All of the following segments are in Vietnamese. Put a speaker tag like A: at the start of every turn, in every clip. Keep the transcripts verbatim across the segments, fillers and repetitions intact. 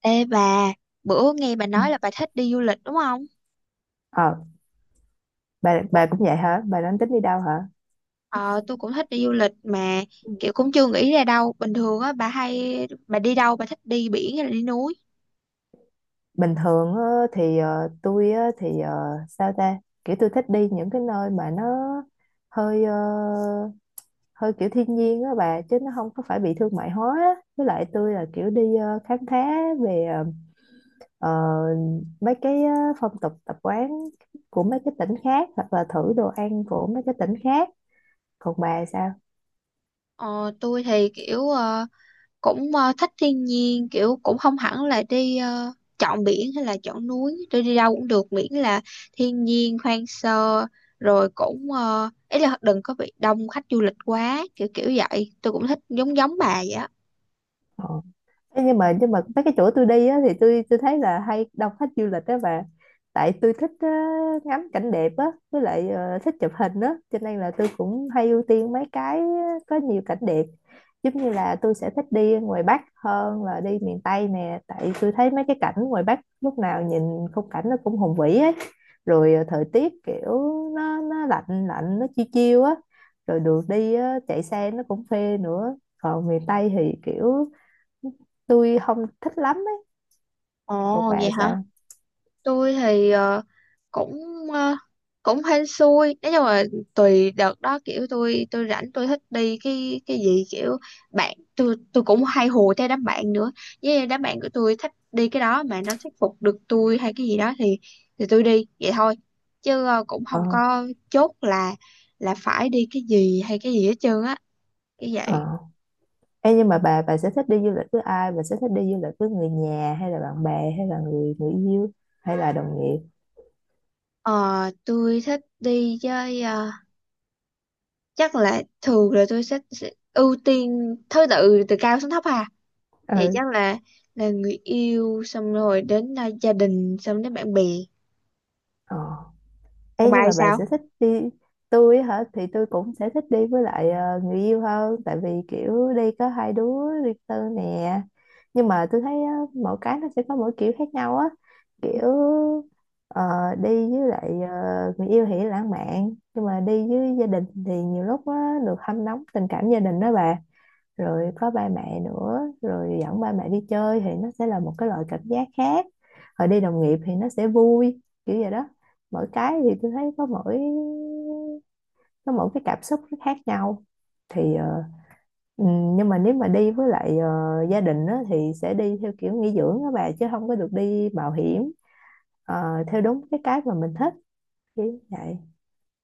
A: Ê bà, bữa nghe bà
B: Ừ.
A: nói là bà thích đi du lịch đúng không?
B: Ờ, bà
A: Ủa?
B: bà cũng vậy hả? Bà đang tính đi đâu hả?
A: Ờ, tôi cũng thích đi du lịch mà
B: Ừ.
A: kiểu cũng chưa nghĩ ra đâu. Bình thường á, bà hay, bà đi đâu, bà thích đi biển hay là đi núi?
B: Bình thường á, thì ờ, tôi á, thì ờ, sao ta? Kiểu tôi thích đi những cái nơi mà nó hơi ờ, hơi kiểu thiên nhiên á bà, chứ nó không có phải bị thương mại hóa á. Với lại tôi là kiểu đi ờ, khám phá về ờ, mấy cái ờ, phong tục tập quán của mấy cái tỉnh khác, hoặc là thử đồ ăn của mấy cái tỉnh khác. Còn bà sao?
A: Ờ, tôi thì kiểu ờ, cũng ờ, thích thiên nhiên, kiểu cũng không hẳn là đi ờ, chọn biển hay là chọn núi. Tôi đi đâu cũng được, miễn là thiên nhiên, hoang sơ, rồi cũng ờ, ý là đừng có bị đông khách du lịch quá, kiểu kiểu vậy. Tôi cũng thích giống giống bà vậy á.
B: Ờ. Ê, nhưng mà nhưng mà mấy cái chỗ tôi đi á, thì tôi tôi thấy là hay đông khách du lịch đó bà, tại tôi thích ờ, ngắm cảnh đẹp á, với lại ờ, thích chụp hình á, cho nên là tôi cũng hay ưu tiên mấy cái có nhiều cảnh đẹp, giống như là tôi sẽ thích đi ngoài Bắc hơn là đi miền Tây nè, tại tôi thấy mấy cái cảnh ngoài Bắc lúc nào nhìn khung cảnh nó cũng hùng vĩ ấy, rồi ờ, thời tiết kiểu nó nó lạnh lạnh, nó chiêu chiêu á, rồi đường đi á, chạy xe nó cũng phê nữa, còn miền Tây thì kiểu tôi không thích lắm ấy. Còn
A: Ồ, vậy
B: bà
A: hả?
B: sao?
A: Tôi thì ờ, cũng ờ, cũng hên xui, nói chung là tùy đợt đó, kiểu tôi tôi rảnh tôi thích đi cái cái gì, kiểu bạn tôi tôi cũng hay hùa theo đám bạn nữa, với đám bạn của tôi thích đi cái đó mà nó thuyết phục được tôi hay cái gì đó thì thì tôi đi vậy thôi, chứ ờ, cũng
B: Ờ.
A: không có chốt là là phải đi cái gì hay cái gì hết trơn á, cái vậy.
B: Ờ. Ê, nhưng mà bà bà sẽ thích đi du lịch với ai, bà sẽ thích đi du lịch với người nhà hay là bạn bè hay là người người yêu hay là đồng nghiệp?
A: Ờ, tôi thích đi chơi, chắc là thường là tôi sẽ, sẽ ưu tiên thứ tự từ cao xuống thấp hà, thì
B: Ừ.
A: chắc là là người yêu, xong rồi đến à, gia đình, xong đến bạn bè.
B: Ờ.
A: Còn
B: Ê,
A: bà
B: nhưng
A: thì
B: mà bà
A: sao?
B: sẽ thích đi. Tôi á hả, thì tôi cũng sẽ thích đi với lại ờ, người yêu hơn, tại vì kiểu đi có hai đứa riêng tư nè, nhưng mà tôi thấy á, mỗi cái nó sẽ có mỗi kiểu khác nhau á, kiểu ờ, đi với lại ờ, người yêu thì lãng mạn, nhưng mà đi với gia đình thì nhiều lúc á, được hâm nóng tình cảm gia đình đó bà, rồi có ba mẹ nữa, rồi dẫn ba mẹ đi chơi thì nó sẽ là một cái loại cảm giác khác, rồi đi đồng nghiệp thì nó sẽ vui, kiểu vậy đó. Mỗi cái thì tôi thấy có mỗi có mỗi cái cảm xúc nó khác nhau, thì ờ, ừ, nhưng mà nếu mà đi với lại ờ, gia đình á, thì sẽ đi theo kiểu nghỉ dưỡng á bà, chứ không có được đi mạo hiểm ờ, theo đúng cái cái mà mình thích, kiểu vậy.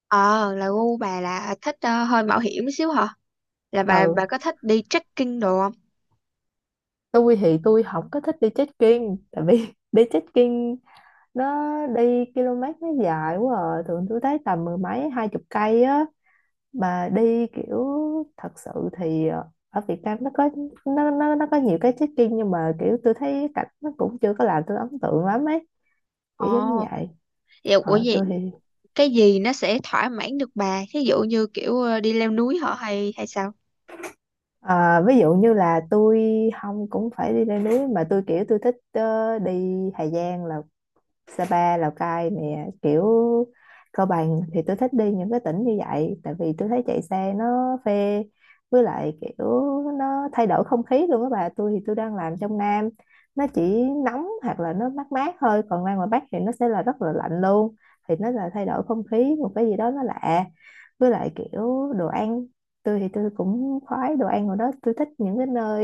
A: Ờ là gu bà là à, thích ờ, hơi mạo hiểm một xíu hả? Là bà bà
B: Ừ.
A: có thích đi trekking đồ không?
B: Tôi thì tôi không có thích đi trekking, tại vì đi trekking nó đi km nó dài quá à. Thường tôi thấy tầm mười mấy hai chục cây á, mà đi kiểu thật sự, thì ờ, ở Việt Nam nó có, nó nó nó có nhiều cái trekking, nhưng mà kiểu tôi thấy cảnh nó cũng chưa có làm tôi ấn tượng lắm ấy,
A: Ồ,
B: kiểu giống như vậy.
A: vậy ủa
B: Ờ,
A: vậy,
B: tôi thì
A: cái gì nó sẽ thỏa mãn được bà, thí dụ như kiểu ờ, đi leo núi hả, hay hay sao?
B: ờ, ví dụ như là tôi không cũng phải đi leo núi, mà tôi kiểu tôi thích ờ, đi Hà Giang, là Sapa, Lào Cai nè, kiểu Cao Bằng, thì tôi thích đi những cái tỉnh như vậy, tại vì tôi thấy chạy xe nó phê, với lại kiểu nó thay đổi không khí luôn các bà. Tôi thì tôi đang làm trong Nam, nó chỉ nóng hoặc là nó mát mát thôi, còn ra ngoài Bắc thì nó sẽ là rất là lạnh luôn, thì nó là thay đổi không khí, một cái gì đó nó lạ, với lại kiểu đồ ăn. Tôi thì tôi cũng khoái đồ ăn của đó, tôi thích những cái nơi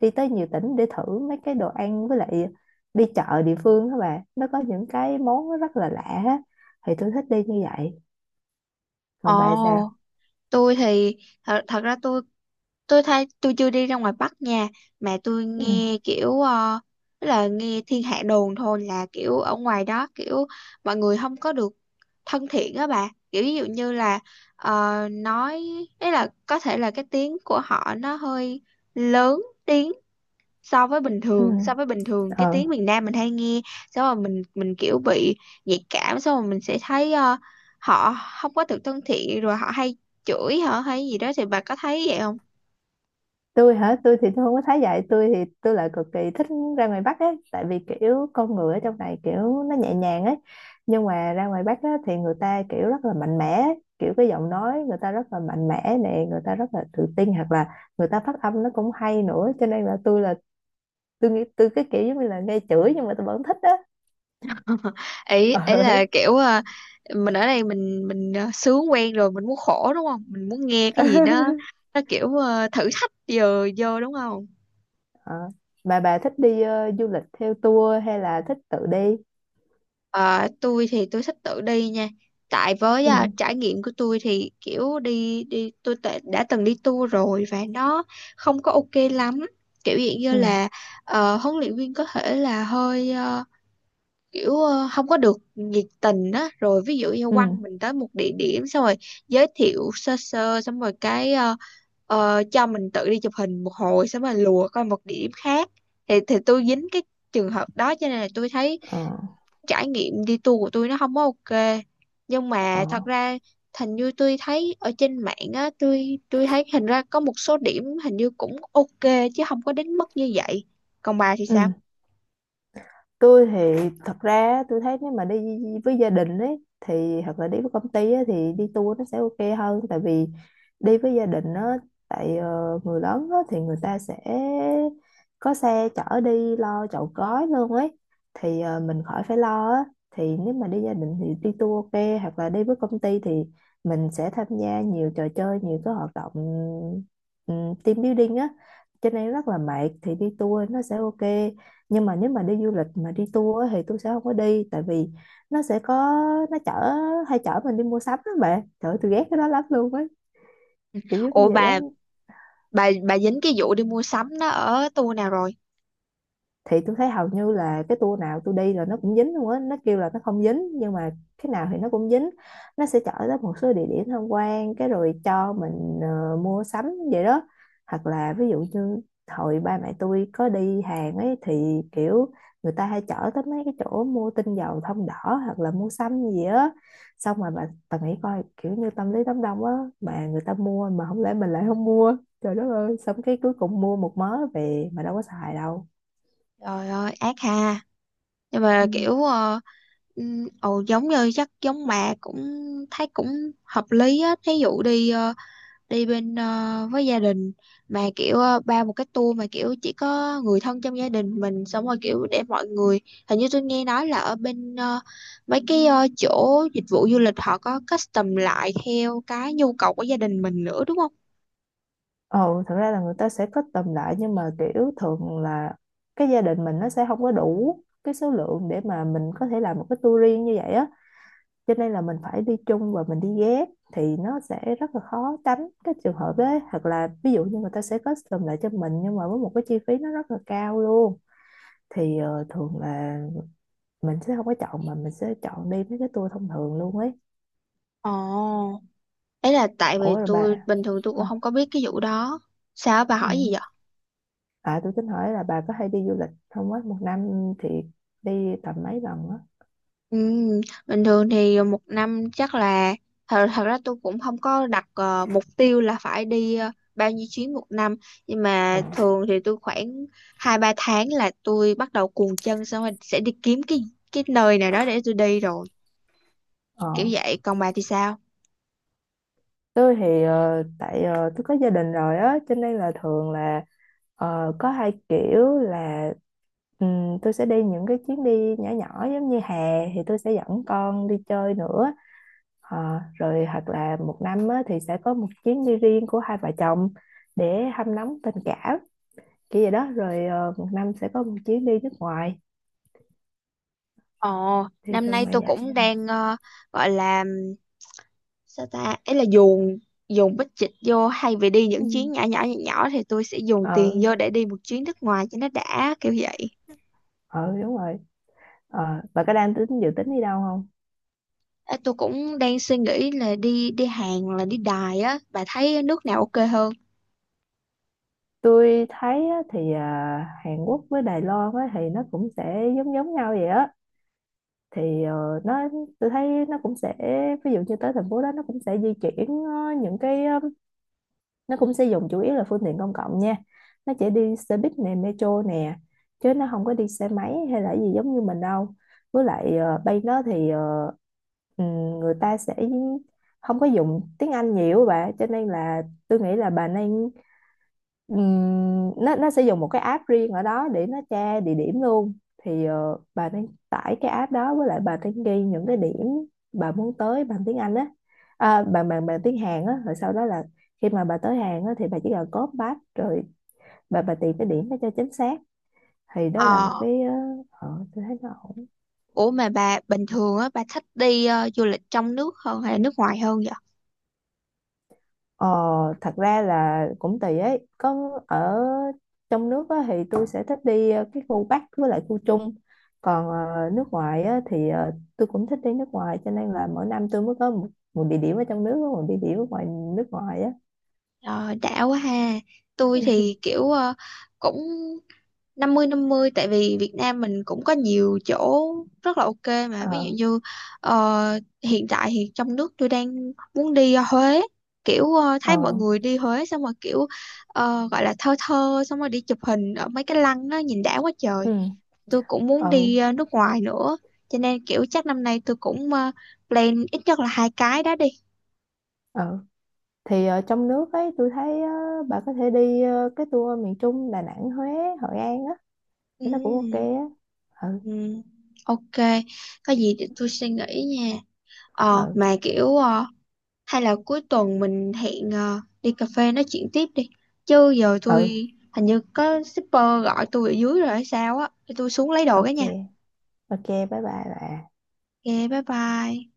B: đi tới nhiều tỉnh để thử mấy cái đồ ăn, với lại đi chợ địa phương các bạn nó có những cái món nó rất là lạ á, thì tôi thích đi như vậy.
A: Ồ.
B: Còn bà sao?
A: Tôi thì thật, thật ra, tôi tôi thấy tôi chưa đi ra ngoài Bắc nha. Mà tôi
B: Ừ.
A: nghe kiểu ờ, tức là nghe thiên hạ đồn thôi, là kiểu ở ngoài đó kiểu mọi người không có được thân thiện á bà, kiểu ví dụ như là ờ, nói ấy là có thể là cái tiếng của họ nó hơi lớn tiếng so với bình
B: Ừ.
A: thường, so với bình thường cái
B: Ờ.
A: tiếng miền Nam mình hay nghe, xong rồi mình mình kiểu bị nhạy cảm, xong rồi mình sẽ thấy ờ, họ không có được thân thiện, rồi họ hay chửi hả, hay gì đó, thì bà có thấy vậy không?
B: Tôi hả? Tôi thì tôi không có thấy vậy, tôi thì tôi lại cực kỳ thích ra ngoài Bắc ấy, tại vì kiểu con người ở trong này kiểu nó nhẹ nhàng ấy, nhưng mà ra ngoài Bắc á, thì người ta kiểu rất là mạnh mẽ ấy. Kiểu cái giọng nói người ta rất là mạnh mẽ nè, người ta rất là tự tin, hoặc là người ta phát âm nó cũng hay nữa, cho nên là tôi là tôi nghĩ tôi cái kiểu giống như là nghe chửi nhưng mà tôi vẫn thích á.
A: ấy ấy
B: Ờ.
A: là kiểu à, mình ở đây, mình mình à, sướng quen rồi, mình muốn khổ đúng không, mình muốn nghe cái gì đó nó kiểu à, thử thách giờ vô đúng không?
B: Ờ, mà bà thích đi ờ, du lịch theo tour hay là thích tự đi?
A: Ờ, tôi thì tôi thích tự đi nha, tại với à,
B: Ừ.
A: trải nghiệm của tôi thì kiểu đi đi tôi tệ- đã từng đi tour rồi và nó không có ok lắm, kiểu dạng như
B: Ừ.
A: là ờ, huấn luyện viên có thể là hơi ờ, kiểu ờ, không có được nhiệt tình á, rồi ví dụ như
B: Ừ.
A: quăng mình tới một địa điểm xong rồi giới thiệu sơ sơ xong rồi cái ờ, ờ, cho mình tự đi chụp hình một hồi xong rồi lùa coi một địa điểm khác, thì thì tôi dính cái trường hợp đó, cho nên là tôi thấy
B: Ờ.
A: trải nghiệm đi tour của tôi nó không có ok. Nhưng mà
B: Ờ.
A: thật ra hình như tôi thấy ở trên mạng á, tôi tôi thấy hình ra có một số điểm hình như cũng ok chứ không có đến mức như vậy. Còn bà thì sao?
B: Ừ. Tôi thì thật ra tôi thấy nếu mà đi với gia đình ấy, thì hoặc là đi với công ty ấy, thì đi tour nó sẽ ok hơn, tại vì đi với gia đình á, tại ờ, người lớn á, thì người ta sẽ có xe chở đi, lo chọn gói luôn ấy, thì ờ, mình khỏi phải lo á, thì nếu mà đi gia đình thì đi tour ok, hoặc là đi với công ty thì mình sẽ tham gia nhiều trò chơi, nhiều cái hoạt động, ừm, team building á, cho nên rất là mệt, thì đi tour nó sẽ ok. Nhưng mà nếu mà đi du lịch mà đi tour á thì tôi sẽ không có đi, tại vì nó sẽ có, nó chở hay chở mình đi mua sắm đó bạn, trời ơi, tôi ghét cái đó lắm luôn á, kiểu giống
A: Ủa
B: như vậy đó.
A: bà bà bà dính cái vụ đi mua sắm nó ở tour nào rồi?
B: Thì tôi thấy hầu như là cái tour nào tôi đi là nó cũng dính luôn á, nó kêu là nó không dính nhưng mà cái nào thì nó cũng dính. Nó sẽ chở tới một số địa điểm tham quan, cái rồi cho mình ờ, mua sắm, vậy đó. Hoặc là ví dụ như hồi ba mẹ tôi có đi Hàn ấy, thì kiểu người ta hay chở tới mấy cái chỗ mua tinh dầu thông đỏ, hoặc là mua sắm gì á, xong rồi bà, bà, nghĩ coi kiểu như tâm lý đám đông á, mà người ta mua mà không lẽ mình lại không mua, trời đất ơi, xong cái cuối cùng mua một mớ về mà đâu có xài đâu.
A: Trời ơi, ác ha. Nhưng
B: Ừ.
A: mà kiểu ờ, ừm, ồ, giống như chắc giống mẹ, cũng thấy cũng hợp lý á, thí dụ đi ờ, đi bên ờ, với gia đình, mà kiểu ờ, ba một cái tour mà kiểu chỉ có người thân trong gia đình mình, xong rồi kiểu để mọi người, hình như tôi nghe nói là ở bên ờ, mấy cái ờ, chỗ dịch vụ du lịch họ có custom lại theo cái nhu cầu của gia đình mình nữa đúng không?
B: Ồ, thật ra là người ta sẽ kết tầm lại, nhưng mà kiểu thường là cái gia đình mình nó sẽ không có đủ cái số lượng để mà mình có thể làm một cái tour riêng như vậy á, cho nên là mình phải đi chung và mình đi ghép thì nó sẽ rất là khó tránh cái trường hợp đấy, hoặc là ví dụ như người ta sẽ kết tầm lại cho mình nhưng mà với một cái chi phí nó rất là cao luôn, thì ờ, thường là mình sẽ không có chọn mà mình sẽ chọn đi mấy cái tour thông thường luôn ấy.
A: Ồ. Ấy là tại vì
B: Ủa rồi bà,
A: tôi bình thường tôi
B: hả?
A: cũng không có biết cái vụ đó. Sao bà
B: Ừ.
A: hỏi gì vậy?
B: À, tôi tính hỏi là bà có hay đi du lịch không á? Một năm thì đi tầm mấy lần á?
A: Ừ, bình thường thì một năm chắc là, thật, thật ra tôi cũng không có đặt ờ, mục tiêu là phải đi ờ, bao nhiêu chuyến một năm, nhưng
B: Ờ.
A: mà thường thì tôi khoảng hai ba tháng là tôi bắt đầu cuồng chân, xong rồi sẽ đi kiếm cái cái nơi nào đó để tôi đi rồi, kiểu
B: Ờ.
A: vậy. Còn bà thì sao?
B: Tôi thì ờ, tại ờ, tôi có gia đình rồi á, cho nên là thường là ờ, có hai kiểu là, ừm, tôi sẽ đi những cái chuyến đi nhỏ nhỏ, giống như hè thì tôi sẽ dẫn con đi chơi nữa. Ờ, rồi hoặc là một năm á, thì sẽ có một chuyến đi riêng của hai vợ chồng để hâm nóng tình cảm, kiểu vậy đó. Rồi ờ, một năm sẽ có một chuyến đi nước ngoài,
A: Ồ,
B: thì
A: năm
B: thường
A: nay
B: là
A: tôi
B: vậy.
A: cũng
B: Ờ.
A: đang ờ, gọi là sao ta, ấy là dùng dùng bích dịch vô hay vì đi
B: Ừ.
A: những chuyến nhỏ nhỏ nhỏ nhỏ thì tôi sẽ dùng
B: Ờ.
A: tiền vô để đi một chuyến nước ngoài cho nó đã, kiểu vậy.
B: Ờ, đúng rồi. Ờ bà có đang tính dự tính đi đâu không?
A: Ê, tôi cũng đang suy nghĩ là đi đi Hàn hoặc là đi Đài á, bà thấy nước nào ok hơn?
B: Tôi thấy á, thì à, Hàn Quốc với Đài Loan á, thì nó cũng sẽ giống giống nhau vậy á, thì ờ, nó tôi thấy nó cũng sẽ, ví dụ như tới thành phố đó nó cũng sẽ di chuyển ờ, những cái ờ, nó cũng sử dụng chủ yếu là phương tiện công cộng nha, nó chỉ đi xe buýt nè, metro nè, chứ nó không có đi xe máy hay là gì giống như mình đâu, với lại ờ, bay nó thì ờ, ừm, người ta sẽ không có dùng tiếng Anh nhiều bà, cho nên là tôi nghĩ là bà nên, Ừm, nó nó sẽ dùng một cái app riêng ở đó để nó tra địa điểm luôn, thì ờ, bà nên tải cái app đó, với lại bà nên ghi những cái điểm bà muốn tới bằng tiếng Anh á, à, bằng bằng bằng tiếng Hàn á, rồi sau đó là khi mà bà tới Hàn á thì bà chỉ cần copy paste, rồi bà bà tìm cái điểm đó cho chính xác, thì đó là một
A: ờ
B: cái, ờ, ờ, tôi thấy nó ổn.
A: Ủa mà bà bình thường á, bà thích đi ờ, du lịch trong nước hơn hay là nước ngoài hơn vậy?
B: Ờ, thật ra là cũng tùy ấy, có ở trong nước á, thì tôi sẽ thích đi ờ, cái khu Bắc với lại khu Trung, còn ờ, nước ngoài á, thì ờ, tôi cũng thích đi nước ngoài, cho nên là mỗi năm tôi mới có một, một địa điểm ở trong nước với một địa điểm ở ngoài nước ngoài á.
A: Ờ, đã quá ha. Tôi thì kiểu ờ, cũng năm mươi năm mươi, tại vì Việt Nam mình cũng có nhiều chỗ rất là ok mà, ví
B: Ờ.
A: dụ như ờ, hiện tại thì trong nước tôi đang muốn đi ờ, Huế, kiểu ờ,
B: Ờ.
A: thấy mọi người đi Huế xong rồi kiểu ờ, gọi là thơ thơ, xong rồi đi chụp hình ở mấy cái lăng nó nhìn đã quá
B: Ừ.
A: trời. Tôi cũng muốn
B: Ờ.
A: đi ờ, nước ngoài nữa, cho nên kiểu chắc năm nay tôi cũng ờ, plan ít nhất là hai cái đó đi.
B: Ờ. Thì ở trong nước ấy, tôi thấy ờ, bà có thể đi ờ, cái tour miền Trung, Đà Nẵng, Huế, Hội An á, nó cũng ok
A: Ừ,
B: á. Ừ.
A: ừ, ok. Có gì để tôi suy nghĩ nha. Ờ
B: Ừ.
A: mà kiểu, ờ, hay là cuối tuần mình hẹn ờ, đi cà phê nói chuyện tiếp đi. Chứ giờ tôi
B: Ừ.
A: hình như có shipper gọi tôi ở dưới rồi hay sao á. Để tôi xuống lấy đồ cái
B: Ok.
A: nha.
B: Ok, bye bye bà.
A: Ok, bye bye.